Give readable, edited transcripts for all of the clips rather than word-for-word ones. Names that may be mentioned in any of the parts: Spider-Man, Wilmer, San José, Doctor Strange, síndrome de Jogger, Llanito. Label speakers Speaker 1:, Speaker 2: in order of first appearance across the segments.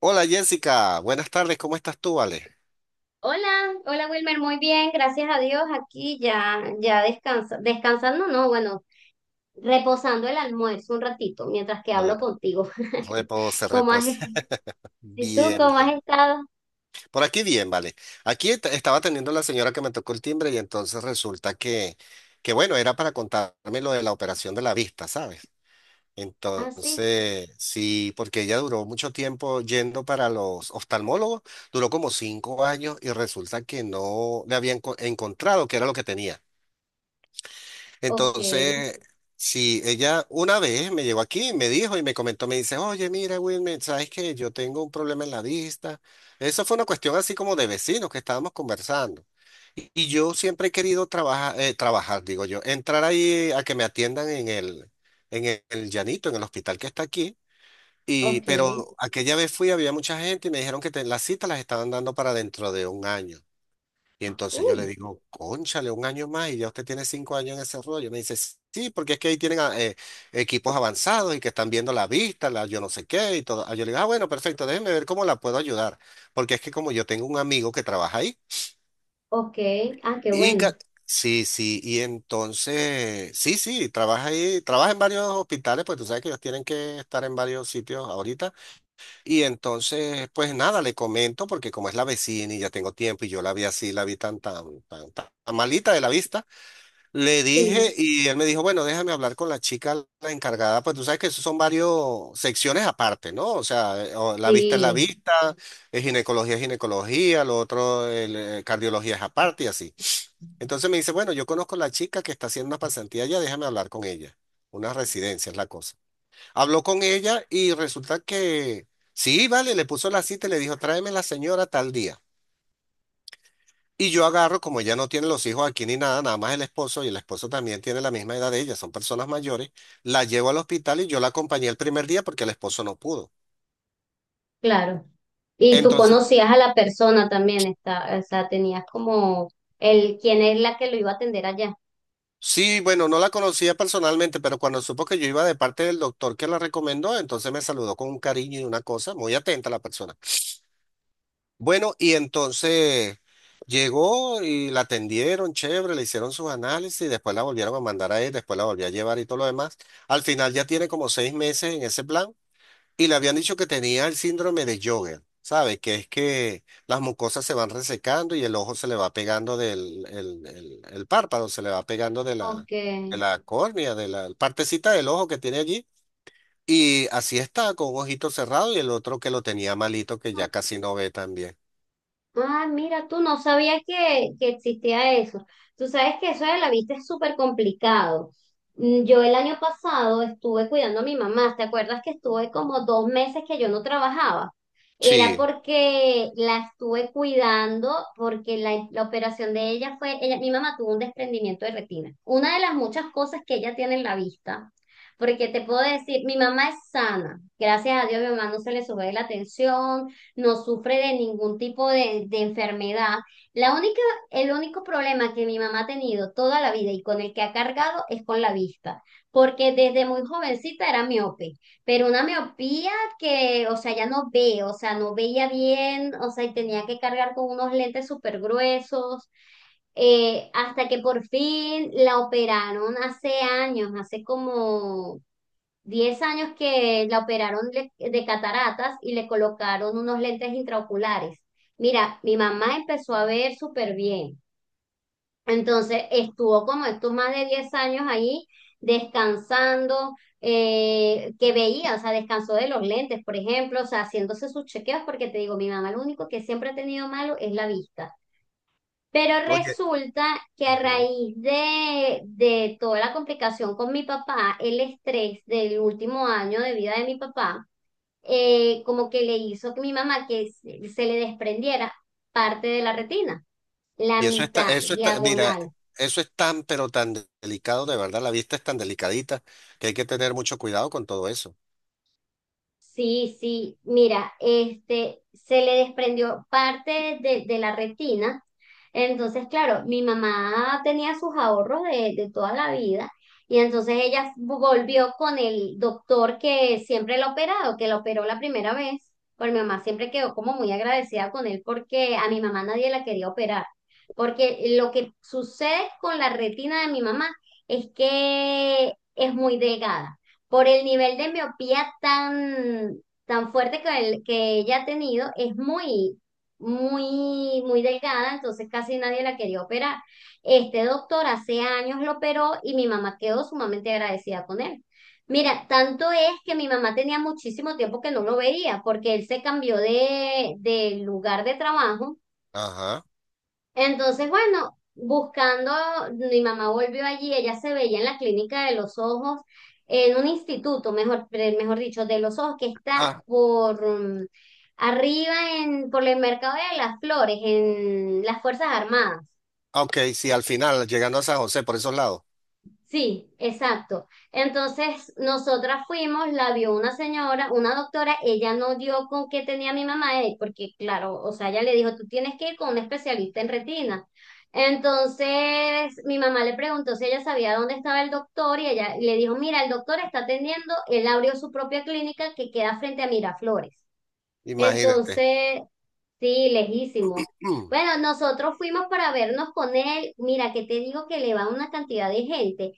Speaker 1: Hola Jessica, buenas tardes, ¿cómo estás tú, Vale?
Speaker 2: Hola, hola Wilmer, muy bien, gracias a Dios, aquí ya, ya descansando, no, bueno, reposando el almuerzo un ratito mientras que
Speaker 1: Re-
Speaker 2: hablo contigo.
Speaker 1: Repose,
Speaker 2: ¿Cómo has,
Speaker 1: repose.
Speaker 2: ¿Y tú
Speaker 1: Bien,
Speaker 2: cómo has
Speaker 1: bien.
Speaker 2: estado?
Speaker 1: Por aquí bien, vale. Aquí estaba atendiendo la señora que me tocó el timbre y entonces resulta que bueno, era para contarme lo de la operación de la vista, ¿sabes?
Speaker 2: Ah, sí,
Speaker 1: Entonces, sí, porque ella duró mucho tiempo yendo para los oftalmólogos, duró como 5 años y resulta que no le habían encontrado qué era lo que tenía.
Speaker 2: ok,
Speaker 1: Entonces, si ella una vez me llegó aquí, me dijo y me comentó, me dice, oye, mira, Wilmer, ¿sabes qué? Yo tengo un problema en la vista. Eso fue una cuestión así como de vecinos que estábamos conversando. Y yo siempre he querido trabajar, trabajar, digo yo, entrar ahí a que me atiendan en El Llanito, en el hospital que está aquí. Y,
Speaker 2: ok,
Speaker 1: pero aquella vez fui, había mucha gente y me dijeron que las citas las estaban dando para dentro de un año. Y
Speaker 2: ah,
Speaker 1: entonces yo le
Speaker 2: uy,
Speaker 1: digo, cónchale, un año más y ya usted tiene 5 años en ese rollo. Me dice, sí, porque es que ahí tienen equipos avanzados y que están viendo la vista, la yo no sé qué y todo. Ah, yo le digo, ah, bueno, perfecto, déjeme ver cómo la puedo ayudar. Porque es que como yo tengo un amigo que trabaja ahí
Speaker 2: ok, ah, qué
Speaker 1: y
Speaker 2: bueno,
Speaker 1: sí, sí, y entonces, sí, sí, trabaja ahí, trabaja en varios hospitales, pues tú sabes que ellos tienen que estar en varios sitios ahorita. Y entonces, pues nada, le comento, porque como es la vecina y ya tengo tiempo y yo la vi así, la vi tan, tan, tan, tan malita de la vista, le
Speaker 2: sí,
Speaker 1: dije y él me dijo, bueno, déjame hablar con la chica, la encargada, pues tú sabes que eso son varias secciones aparte, ¿no? O sea, o la
Speaker 2: sí,
Speaker 1: vista, es ginecología, lo otro, el, cardiología es aparte y así. Entonces me dice, bueno, yo conozco a la chica que está haciendo una pasantía allá, déjame hablar con ella. Una residencia es la cosa. Habló con ella y resulta que sí, vale, le puso la cita y le dijo, tráeme la señora tal día. Y yo agarro, como ella no tiene los hijos aquí ni nada, nada más el esposo, y el esposo también tiene la misma edad de ella, son personas mayores, la llevo al hospital y yo la acompañé el primer día porque el esposo no pudo.
Speaker 2: claro. Y tú
Speaker 1: Entonces,
Speaker 2: conocías a la persona también, está, o sea, tenías como el, quién es la que lo iba a atender allá.
Speaker 1: sí, bueno, no la conocía personalmente, pero cuando supo que yo iba de parte del doctor que la recomendó, entonces me saludó con un cariño y una cosa, muy atenta la persona. Bueno, y entonces llegó y la atendieron, chévere, le hicieron sus análisis, y después la volvieron a mandar a él, después la volvió a llevar y todo lo demás. Al final ya tiene como 6 meses en ese plan y le habían dicho que tenía el síndrome de Jogger, ¿sabes? Que es que las mucosas se van resecando y el ojo se le va pegando del el párpado, se le va pegando de la,
Speaker 2: Ok,
Speaker 1: córnea, de la partecita del ojo que tiene allí. Y así está, con un ojito cerrado y el otro que lo tenía malito, que
Speaker 2: ah,
Speaker 1: ya casi no ve también.
Speaker 2: ah, mira, tú no sabías que existía eso. Tú sabes que eso de la vista es súper complicado. Mm, yo el año pasado estuve cuidando a mi mamá. ¿Te acuerdas que estuve como 2 meses que yo no trabajaba? Era
Speaker 1: Sí.
Speaker 2: porque la estuve cuidando, porque la operación de ella fue, ella, mi mamá tuvo un desprendimiento de retina. Una de las muchas cosas que ella tiene en la vista, porque te puedo decir, mi mamá es sana. Gracias a Dios, mi mamá no se le sube la tensión, no sufre de ningún tipo de enfermedad. La única, el único problema que mi mamá ha tenido toda la vida y con el que ha cargado es con la vista, porque desde muy jovencita era miope, pero una miopía que, o sea, ya no ve, o sea, no veía bien, o sea, y tenía que cargar con unos lentes súper gruesos, hasta que por fin la operaron hace años, hace como 10 años que la operaron le- de cataratas y le colocaron unos lentes intraoculares. Mira, mi mamá empezó a ver súper bien. Entonces estuvo como estos más de 10 años ahí descansando, que veía, o sea, descansó de los lentes, por ejemplo, o sea, haciéndose sus chequeos, porque te digo, mi mamá lo único que siempre ha tenido malo es la vista. Pero
Speaker 1: Oye,
Speaker 2: resulta que a
Speaker 1: ujú,
Speaker 2: raíz de toda la complicación con mi papá, el estrés del último año de vida de mi papá, como que le hizo que mi mamá que se le desprendiera parte de la retina, la
Speaker 1: y
Speaker 2: mitad
Speaker 1: eso está, mira,
Speaker 2: diagonal.
Speaker 1: eso es tan, pero tan delicado, de verdad, la vista es tan delicadita que hay que tener mucho cuidado con todo eso.
Speaker 2: Sí, sí, mira, este, se le desprendió parte de la retina. Entonces, claro, mi mamá tenía sus ahorros de toda la vida y entonces ella volvió con el doctor que siempre la ha operado, que la operó la primera vez. Pues mi mamá siempre quedó como muy agradecida con él porque a mi mamá nadie la quería operar. Porque lo que sucede con la retina de mi mamá es que es muy delgada por el nivel de miopía tan, tan fuerte que, el- que ella ha tenido, es muy, muy, muy delgada, entonces casi nadie la quería operar. Este doctor hace años lo operó y mi mamá quedó sumamente agradecida con él. Mira, tanto es que mi mamá tenía muchísimo tiempo que no lo veía, porque él se cambió de lugar de trabajo.
Speaker 1: Ajá.
Speaker 2: Entonces, bueno, buscando, mi mamá volvió allí, ella se veía en la clínica de los ojos, en un instituto, mejor, pre- mejor dicho, de los ojos, que está
Speaker 1: Ah,
Speaker 2: por arriba en, por el mercado de las flores, en las Fuerzas Armadas.
Speaker 1: ok, sí, al final, llegando a San José por esos lados,
Speaker 2: Sí, exacto. Entonces, nosotras fuimos, la vio una señora, una doctora, ella no dio con qué tenía mi mamá, porque claro, o sea, ella le dijo, tú tienes que ir con un especialista en retina. Entonces, mi mamá le preguntó si ella sabía dónde estaba el doctor y ella le dijo, mira, el doctor está atendiendo, él abrió su propia clínica que queda frente a Miraflores.
Speaker 1: imagínate.
Speaker 2: Entonces, sí, lejísimo.
Speaker 1: Mm.
Speaker 2: Bueno, nosotros fuimos para vernos con él. Mira, que te digo que le va una cantidad de gente.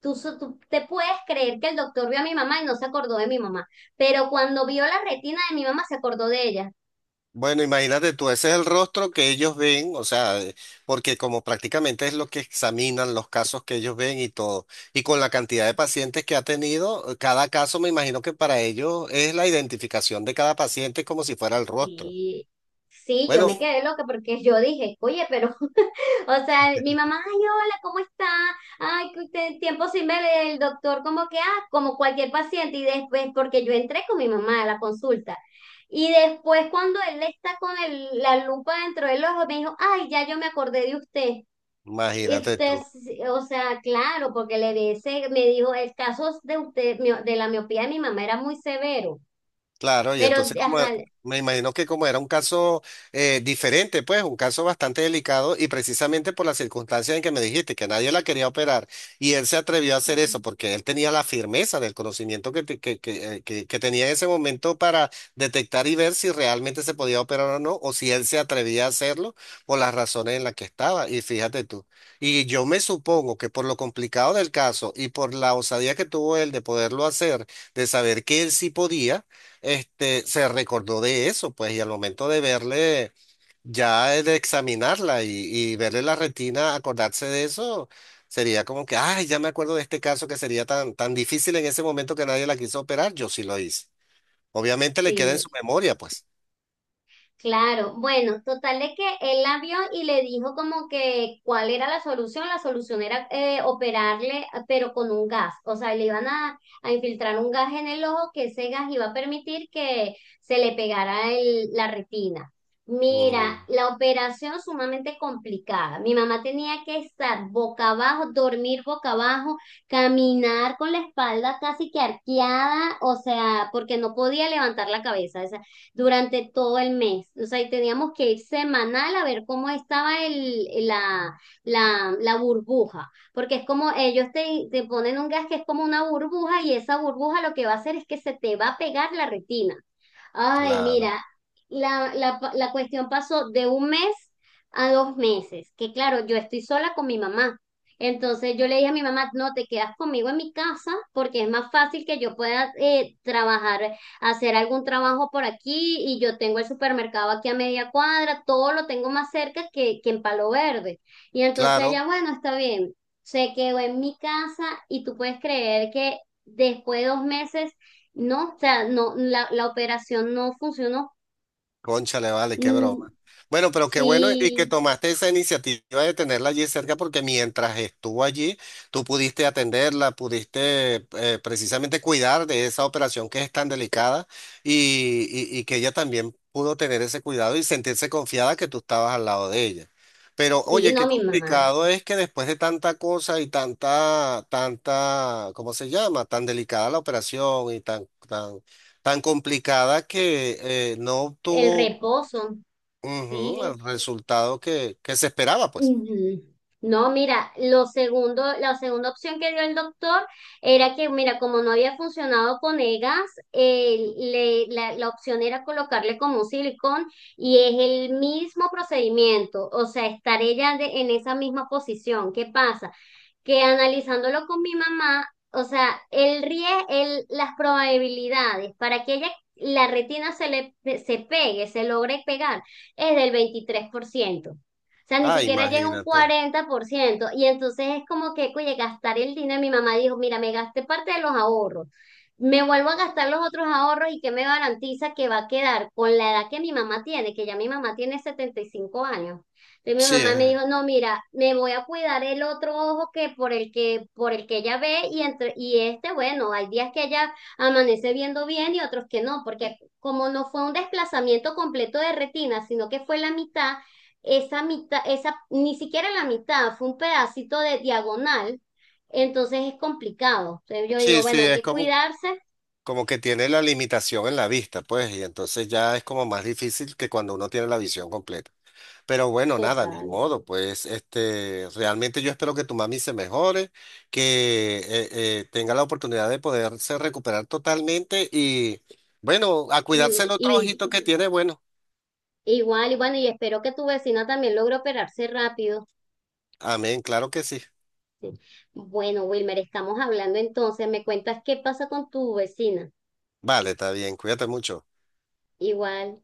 Speaker 2: Tú, so- tú te puedes creer que el doctor vio a mi mamá y no se acordó de mi mamá, pero cuando vio la retina de mi mamá se acordó de ella.
Speaker 1: Bueno, imagínate tú, ese es el rostro que ellos ven, o sea, porque como prácticamente es lo que examinan los casos que ellos ven y todo, y con la cantidad de pacientes que ha tenido, cada caso me imagino que para ellos es la identificación de cada paciente como si fuera el rostro.
Speaker 2: Sí, sí, yo
Speaker 1: Bueno,
Speaker 2: me quedé loca porque yo dije, oye, pero, o sea, mi mamá, ay, hola, ¿cómo está? Ay, que usted- tiempo sin ver el doctor, como que, ah, como cualquier paciente, y después, porque yo entré con mi mamá a la consulta. Y después cuando él está con el- la lupa dentro del ojo, me dijo, ay, ya yo me acordé de usted. Y
Speaker 1: imagínate
Speaker 2: usted,
Speaker 1: tú.
Speaker 2: sí, o sea, claro, porque le dice, me dijo, el caso de usted, mio- de la miopía de mi mamá era muy severo,
Speaker 1: Claro, y
Speaker 2: pero,
Speaker 1: entonces como,
Speaker 2: ajá,
Speaker 1: me imagino que como era un caso diferente, pues un caso bastante delicado y precisamente por las circunstancias en que me dijiste que nadie la quería operar y él se atrevió a hacer eso porque él tenía la firmeza del conocimiento que, te- que tenía en ese momento para detectar y ver si realmente se podía operar o no, o si él se atrevía a hacerlo por las razones en las que estaba. Y fíjate tú, y yo me supongo que por lo complicado del caso y por la osadía que tuvo él de poderlo hacer, de saber que él sí podía, este, se recordó de eso, pues, y al momento de verle, ya de examinarla y, verle la retina, acordarse de eso, sería como que, ay, ya me acuerdo de este caso que sería tan, tan difícil en ese momento que nadie la quiso operar, yo sí lo hice. Obviamente le queda en
Speaker 2: sí.
Speaker 1: su memoria, pues.
Speaker 2: Claro, bueno, total de que él la vio y le dijo como que cuál era la solución. La solución era operarle, pero con un gas. O sea, le iban a infiltrar un gas en el ojo que ese gas iba a permitir que se le pegara el- la retina. Mira,
Speaker 1: Mm,
Speaker 2: la operación sumamente complicada. Mi mamá tenía que estar boca abajo, dormir boca abajo, caminar con la espalda casi que arqueada, o sea, porque no podía levantar la cabeza durante todo el mes. O sea, y teníamos que ir semanal a ver cómo estaba la burbuja, porque es como ellos te ponen un gas que es como una burbuja y esa burbuja lo que va a hacer es que se te va a pegar la retina. Ay,
Speaker 1: claro,
Speaker 2: mira, la cuestión pasó de un mes a 2 meses, que claro, yo estoy sola con mi mamá. Entonces yo le dije a mi mamá, no, te quedas conmigo en mi casa porque es más fácil que yo pueda trabajar, hacer algún trabajo por aquí y yo tengo el supermercado aquí a media cuadra, todo lo tengo más cerca que en Palo Verde. Y entonces
Speaker 1: claro.
Speaker 2: ella, bueno, está bien, se quedó en mi casa y tú puedes creer que después de 2 meses no, o sea, no, la operación no funcionó.
Speaker 1: Cónchale, vale, qué broma.
Speaker 2: Mm,
Speaker 1: Bueno, pero qué bueno y que
Speaker 2: sí,
Speaker 1: tomaste esa iniciativa de tenerla allí cerca porque mientras estuvo allí, tú pudiste atenderla, pudiste precisamente cuidar de esa operación que es tan delicada y que ella también pudo tener ese cuidado y sentirse confiada que tú estabas al lado de ella. Pero
Speaker 2: sí,
Speaker 1: oye,
Speaker 2: no,
Speaker 1: qué
Speaker 2: mi mamá.
Speaker 1: complicado es que después de tanta cosa y tanta, tanta, ¿cómo se llama? Tan delicada la operación y tan, tan, tan complicada que no
Speaker 2: El
Speaker 1: obtuvo
Speaker 2: reposo,
Speaker 1: ujú, el
Speaker 2: sí.
Speaker 1: resultado que se esperaba, pues.
Speaker 2: Mm, no, mira, lo segundo, la segunda opción que dio el doctor era que, mira, como no había funcionado con EGAS, le- la opción era colocarle como un silicón y es el mismo procedimiento, o sea, estar ella de- en esa misma posición. ¿Qué pasa? Que analizándolo con mi mamá, o sea, el riesgo, las probabilidades para que ella, la retina se le se pegue, se logre pegar, es del 23%. O sea, ni
Speaker 1: Ah,
Speaker 2: siquiera llega a un
Speaker 1: imagínate.
Speaker 2: 40%. Y entonces es como que, oye, gastar el dinero. Mi mamá dijo, mira, me gasté parte de los ahorros. Me vuelvo a gastar los otros ahorros y que me garantiza que va a quedar con la edad que mi mamá tiene, que ya mi mamá tiene 75 años. Entonces mi
Speaker 1: Sí,
Speaker 2: mamá me
Speaker 1: es,
Speaker 2: dijo, no, mira, me voy a cuidar el otro ojo que por el que, por el que ella ve y entre, y este, bueno, hay días que ella amanece viendo bien y otros que no, porque como no fue un desplazamiento completo de retina, sino que fue la mitad, esa, ni siquiera la mitad, fue un pedacito de diagonal, entonces es complicado. Entonces yo digo,
Speaker 1: sí, sí,
Speaker 2: bueno, hay
Speaker 1: es
Speaker 2: que
Speaker 1: como,
Speaker 2: cuidarse,
Speaker 1: que tiene la limitación en la vista, pues, y entonces ya es como más difícil que cuando uno tiene la visión completa. Pero bueno, nada, ni
Speaker 2: total.
Speaker 1: modo, pues, este, realmente yo espero que tu mami se mejore, que tenga la oportunidad de poderse recuperar totalmente y, bueno, a
Speaker 2: Y,
Speaker 1: cuidarse el otro
Speaker 2: y
Speaker 1: ojito que tiene, bueno.
Speaker 2: igual, y bueno, y espero que tu vecina también logre operarse rápido.
Speaker 1: Amén, claro que sí.
Speaker 2: Sí. Bueno, Wilmer, estamos hablando entonces. Me cuentas qué pasa con tu vecina.
Speaker 1: Vale, está bien, cuídate mucho.
Speaker 2: Igual.